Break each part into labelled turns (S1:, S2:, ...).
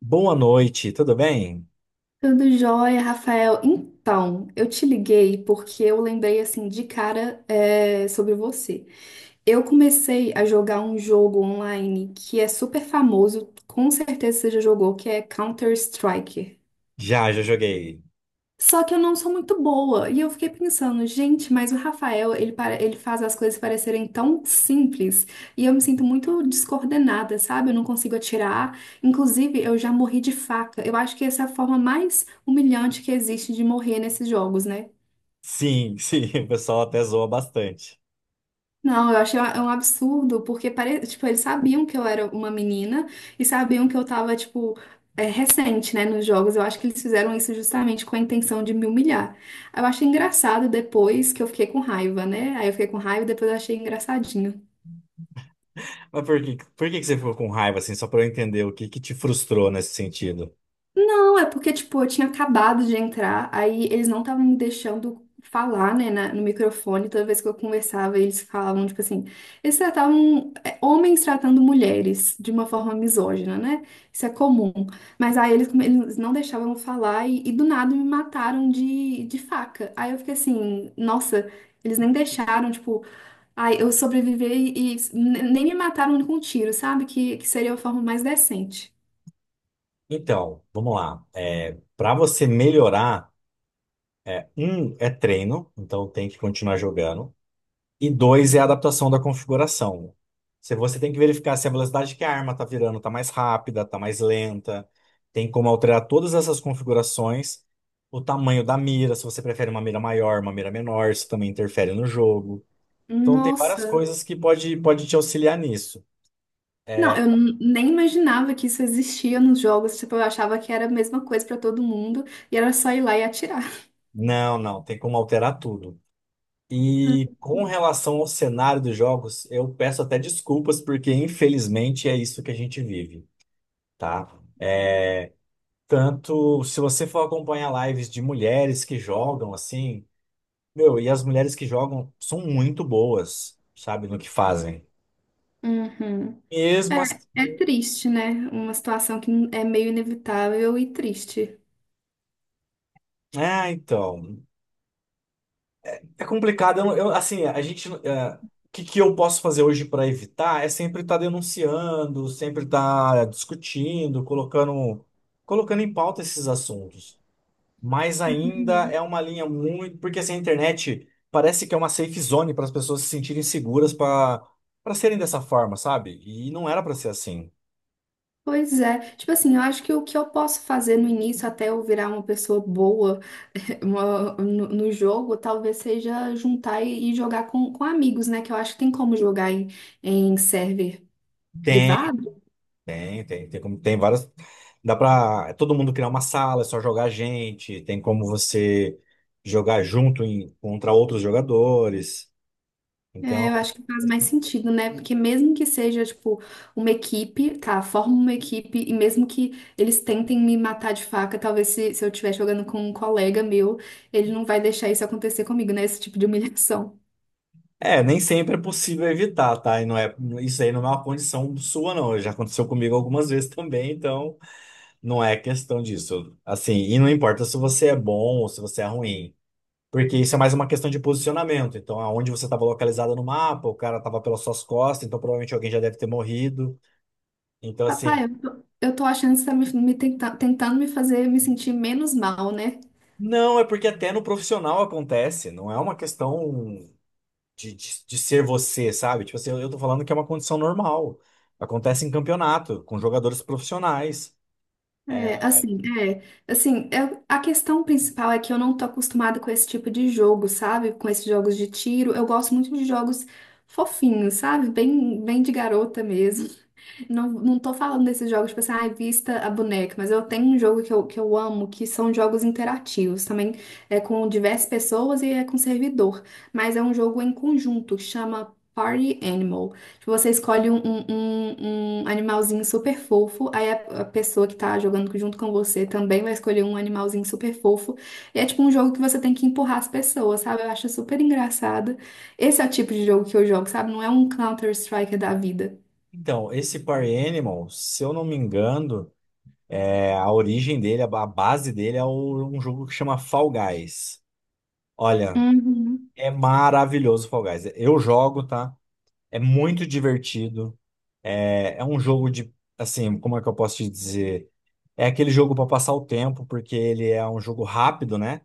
S1: Boa noite, tudo bem?
S2: Tudo jóia, Rafael. Então, eu te liguei porque eu lembrei assim de cara sobre você. Eu comecei a jogar um jogo online que é super famoso, com certeza você já jogou, que é Counter-Strike.
S1: Já joguei.
S2: Só que eu não sou muito boa. E eu fiquei pensando, gente, mas o Rafael, ele, para, ele faz as coisas parecerem tão simples. E eu me sinto muito descoordenada, sabe? Eu não consigo atirar. Inclusive, eu já morri de faca. Eu acho que essa é a forma mais humilhante que existe de morrer nesses jogos, né?
S1: Sim, sim, o pessoal até zoa bastante.
S2: Não, eu achei um absurdo, porque tipo, eles sabiam que eu era uma menina e sabiam que eu tava, tipo, recente, né, nos jogos. Eu acho que eles fizeram isso justamente com a intenção de me humilhar. Eu achei engraçado depois que eu fiquei com raiva, né? Aí eu fiquei com raiva e depois eu achei engraçadinho.
S1: Mas por que que você ficou com raiva, assim, só para eu entender o que que te frustrou nesse sentido?
S2: Não, é porque, tipo, eu tinha acabado de entrar, aí eles não estavam me deixando falar, né, no microfone. Toda vez que eu conversava, eles falavam, tipo assim, eles tratavam homens tratando mulheres de uma forma misógina, né? Isso é comum. Mas aí eles não deixavam eu falar e do nada me mataram de faca. Aí eu fiquei assim, nossa, eles nem deixaram, tipo, ai, eu sobrevivi e nem me mataram com um tiro, sabe? Que seria a forma mais decente.
S1: Então, vamos lá. Para você melhorar, um é treino, então tem que continuar jogando. E dois é a adaptação da configuração. Se você tem que verificar se a velocidade que a arma está virando está mais rápida, está mais lenta, tem como alterar todas essas configurações, o tamanho da mira, se você prefere uma mira maior, uma mira menor, isso também interfere no jogo. Então tem várias
S2: Nossa.
S1: coisas que pode te auxiliar nisso.
S2: Não,
S1: É.
S2: nem imaginava que isso existia nos jogos. Tipo, eu achava que era a mesma coisa pra todo mundo e era só ir lá e atirar.
S1: Não, não, tem como alterar tudo. E com relação ao cenário dos jogos, eu peço até desculpas, porque infelizmente é isso que a gente vive, tá? Tanto se você for acompanhar lives de mulheres que jogam assim, meu, e as mulheres que jogam são muito boas, sabe, no que fazem.
S2: Uhum.
S1: Mesmo assim,
S2: É, é triste, né? Uma situação que é meio inevitável e triste.
S1: é, então, é complicado. Eu, assim, a gente, é, o que que eu posso fazer hoje para evitar é sempre estar denunciando, sempre estar discutindo, colocando em pauta esses assuntos, mas ainda é
S2: Uhum.
S1: uma linha muito. Porque assim, a internet parece que é uma safe zone para as pessoas se sentirem seguras para serem dessa forma, sabe? E não era para ser assim.
S2: Pois é. Tipo assim, eu acho que o que eu posso fazer no início, até eu virar uma pessoa boa no jogo, talvez seja juntar e jogar com amigos, né? Que eu acho que tem como jogar em server
S1: Tem,
S2: privado.
S1: tem como, tem várias. Dá para todo mundo criar uma sala, é só jogar gente, tem como você jogar junto em- contra outros jogadores.
S2: É, eu
S1: Então,
S2: acho que faz mais sentido, né? Porque mesmo que seja, tipo, uma equipe, tá, forma uma equipe, e mesmo que eles tentem me matar de faca, talvez se eu estiver jogando com um colega meu, ele não vai deixar isso acontecer comigo, né? Esse tipo de humilhação.
S1: é, nem sempre é possível evitar, tá? E não é, isso aí não é uma condição sua, não. Já aconteceu comigo algumas vezes também, então. Não é questão disso. Assim, e não importa se você é bom ou se você é ruim, porque isso é mais uma questão de posicionamento. Então, aonde você estava localizado no mapa, o cara estava pelas suas costas, então provavelmente alguém já deve ter morrido. Então, assim,
S2: Papai, eu tô achando que você tá tentando me fazer me sentir menos mal, né?
S1: não, é porque até no profissional acontece, não é uma questão de ser você, sabe? Tipo assim, eu tô falando que é uma condição normal. Acontece em campeonato, com jogadores profissionais. É.
S2: É, assim, é, assim, a questão principal é que eu não tô acostumada com esse tipo de jogo, sabe? Com esses jogos de tiro. Eu gosto muito de jogos fofinhos, sabe? Bem de garota mesmo. Não, não tô falando desses jogos, tipo assim, ai, vista a boneca, mas eu tenho um jogo que eu amo, que são jogos interativos, também é com diversas pessoas e é com servidor, mas é um jogo em conjunto, que chama Party Animal. Tipo, você escolhe um animalzinho super fofo, aí a pessoa que tá jogando junto com você também vai escolher um animalzinho super fofo, e é tipo um jogo que você tem que empurrar as pessoas, sabe? Eu acho super engraçado. Esse é o tipo de jogo que eu jogo, sabe? Não é um Counter-Strike da vida.
S1: Então, esse Party Animal, se eu não me engano. É, a origem dele, a base dele é o- um jogo que chama Fall Guys. Olha,
S2: Uhum.
S1: é maravilhoso o Fall Guys. Eu jogo, tá? É muito divertido. É, é um jogo de, assim, como é que eu posso te dizer? É aquele jogo para passar o tempo, porque ele é um jogo rápido, né?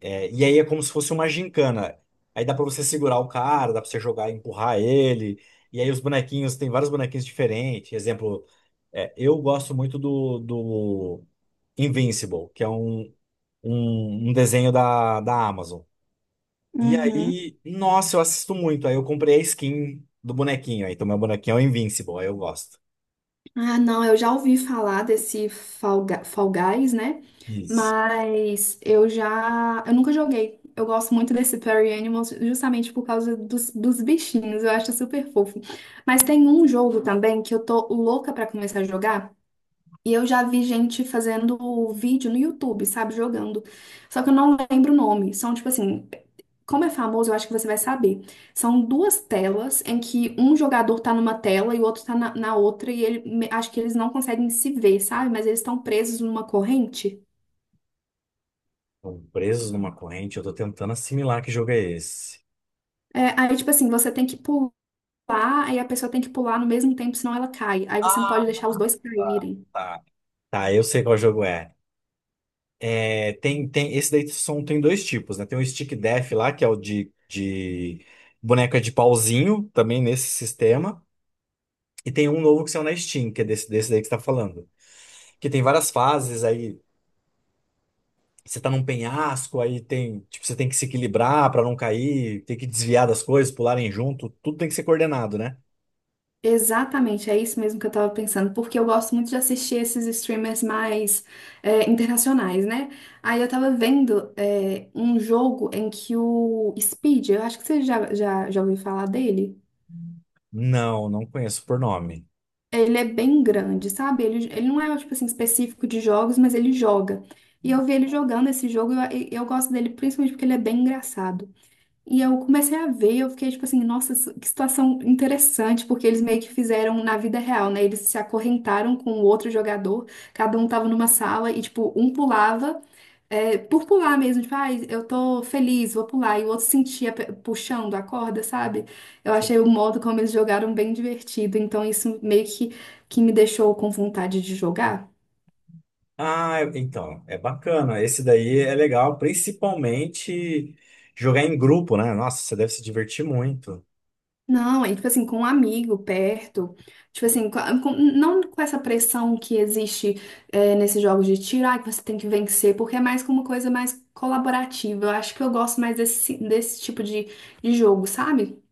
S1: É, e aí é como se fosse uma gincana. Aí dá pra você segurar o cara, dá pra você jogar e empurrar ele. E aí os bonequinhos, tem vários bonequinhos diferentes. Exemplo, é, eu gosto muito do Invincible, que é um, um desenho da Amazon. E
S2: Uhum.
S1: aí, nossa, eu assisto muito. Aí eu comprei a skin do bonequinho. Aí, então meu bonequinho é o Invincible, aí eu gosto.
S2: Ah, não, eu já ouvi falar desse Fall Guys, né?
S1: Isso.
S2: Mas eu já. Eu nunca joguei. Eu gosto muito desse Party Animals justamente por causa dos bichinhos. Eu acho super fofo. Mas tem um jogo também que eu tô louca pra começar a jogar. E eu já vi gente fazendo vídeo no YouTube, sabe? Jogando. Só que eu não lembro o nome. São, tipo assim, como é famoso, eu acho que você vai saber. São duas telas em que um jogador tá numa tela e o outro tá na outra, e acho que eles não conseguem se ver, sabe? Mas eles estão presos numa corrente.
S1: Estão presos numa corrente, eu tô tentando assimilar que jogo é esse.
S2: É, aí, tipo assim, você tem que pular, aí a pessoa tem que pular no mesmo tempo, senão ela cai. Aí você não
S1: Ah,
S2: pode deixar os dois
S1: tá,
S2: caírem.
S1: tá. Tá, eu sei qual jogo é. É, esse daí são, tem dois tipos, né? Tem o Stick Death lá, que é o de boneca de pauzinho, também nesse sistema. E tem um novo que saiu na Steam, que é desse daí que você tá falando. Que tem várias fases aí. Você tá num penhasco, aí tem, tipo, você tem que se equilibrar pra não cair, tem que desviar das coisas, pularem junto, tudo tem que ser coordenado, né?
S2: Exatamente, é isso mesmo que eu tava pensando, porque eu gosto muito de assistir esses streamers mais internacionais, né? Aí eu tava vendo um jogo em que o Speed, eu acho que você já ouviu falar dele,
S1: Não, não conheço por nome.
S2: ele é bem grande, sabe? Ele não é, tipo assim, específico de jogos, mas ele joga. E eu vi ele jogando esse jogo e eu gosto dele principalmente porque ele é bem engraçado. E eu comecei a ver, eu fiquei tipo assim, nossa, que situação interessante, porque eles meio que fizeram na vida real, né? Eles se acorrentaram com o outro jogador, cada um tava numa sala e, tipo, um pulava, por pular mesmo, tipo, ai, eu tô feliz, vou pular, e o outro sentia puxando a corda, sabe? Eu
S1: Sim.
S2: achei o modo como eles jogaram bem divertido, então isso meio que me deixou com vontade de jogar.
S1: Ah, é- então, é bacana. Esse daí é legal, principalmente jogar em grupo, né? Nossa, você deve se divertir muito.
S2: Não, é tipo assim, com um amigo perto, tipo assim, não com essa pressão que existe nesses jogos de tiro, ah, que você tem que vencer, porque é mais como uma coisa mais colaborativa. Eu acho que eu gosto mais desse tipo de jogo, sabe?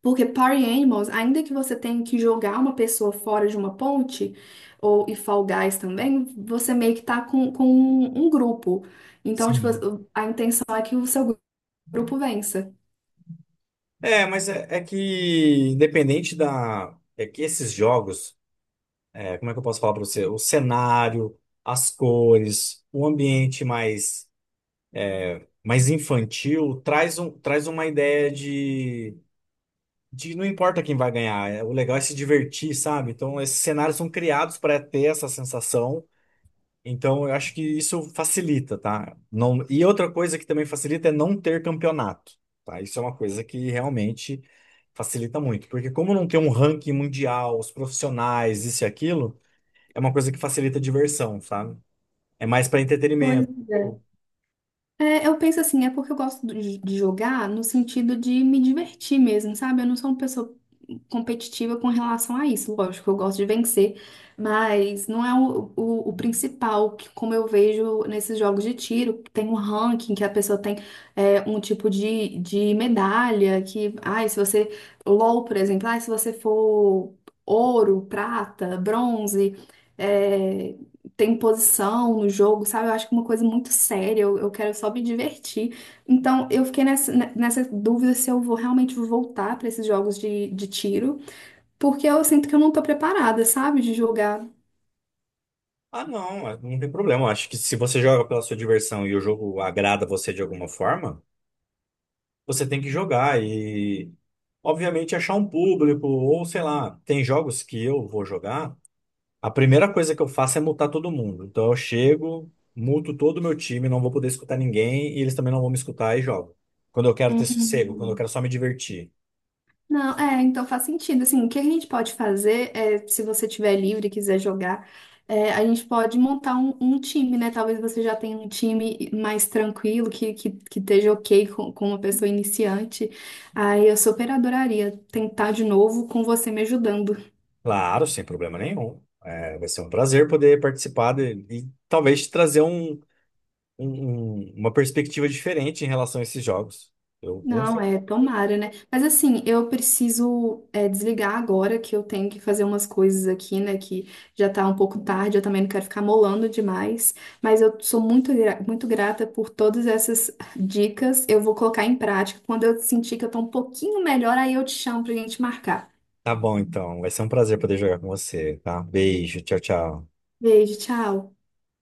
S2: Porque Party Animals, ainda que você tenha que jogar uma pessoa fora de uma ponte, ou e Fall Guys também, você meio que tá com um grupo. Então, tipo,
S1: Sim.
S2: a intenção é que o seu grupo vença.
S1: É, mas é, é que independente da. É que esses jogos, é, como é que eu posso falar pra você? O cenário, as cores, o ambiente mais, mais infantil, traz um, traz uma ideia de não importa quem vai ganhar, é- o legal é se divertir, sabe? Então, esses cenários são criados para ter essa sensação. Então, eu acho que isso facilita, tá? Não, e outra coisa que também facilita é não ter campeonato, tá? Isso é uma coisa que realmente facilita muito, porque como não tem um ranking mundial, os profissionais, isso e aquilo, é uma coisa que facilita a diversão, sabe? É mais para
S2: Pois
S1: entretenimento.
S2: é. É, eu penso assim, é porque eu gosto de jogar no sentido de me divertir mesmo, sabe? Eu não sou uma pessoa competitiva com relação a isso. Lógico, eu gosto de vencer, mas não é o principal, que, como eu vejo nesses jogos de tiro, que tem um ranking, que a pessoa tem um tipo de medalha, que, ai, se você, LOL, por exemplo, ai, se você for ouro, prata, bronze. é, Tem posição no jogo, sabe? Eu acho que é uma coisa muito séria, eu quero só me divertir. Então, eu fiquei nessa dúvida se eu vou realmente voltar para esses jogos de tiro, porque eu sinto que eu não tô preparada, sabe? De jogar.
S1: Ah, não, é- não tem problema. Eu acho que se você joga pela sua diversão e o jogo agrada você de alguma forma, você tem que jogar e, obviamente, achar um público, ou sei lá, tem jogos que eu vou jogar, a primeira coisa que eu faço é multar todo mundo. Então eu chego, multo todo o meu time, não vou poder escutar ninguém e eles também não vão me escutar e jogo. Quando eu quero ter sossego, quando eu
S2: Uhum.
S1: quero só me divertir.
S2: Não, é, então faz sentido. Assim, o que a gente pode fazer é, se você tiver livre e quiser jogar, é, a gente pode montar um time, né? Talvez você já tenha um time mais tranquilo, que esteja ok com uma pessoa iniciante. Aí eu super adoraria tentar de novo com você me ajudando.
S1: Claro, sem problema nenhum. É, vai ser um prazer poder participar de- e talvez te trazer um, uma perspectiva diferente em relação a esses jogos. Eu, com
S2: Não, é, tomara, né? Mas assim, eu preciso desligar agora que eu tenho que fazer umas coisas aqui, né? Que já tá um pouco tarde, eu também não quero ficar molando demais. Mas eu sou muito grata por todas essas dicas. Eu vou colocar em prática. Quando eu sentir que eu tô um pouquinho melhor, aí eu te chamo pra gente marcar.
S1: tá bom, então. Vai ser um prazer poder jogar com você, tá? Beijo, tchau, tchau.
S2: Beijo, tchau.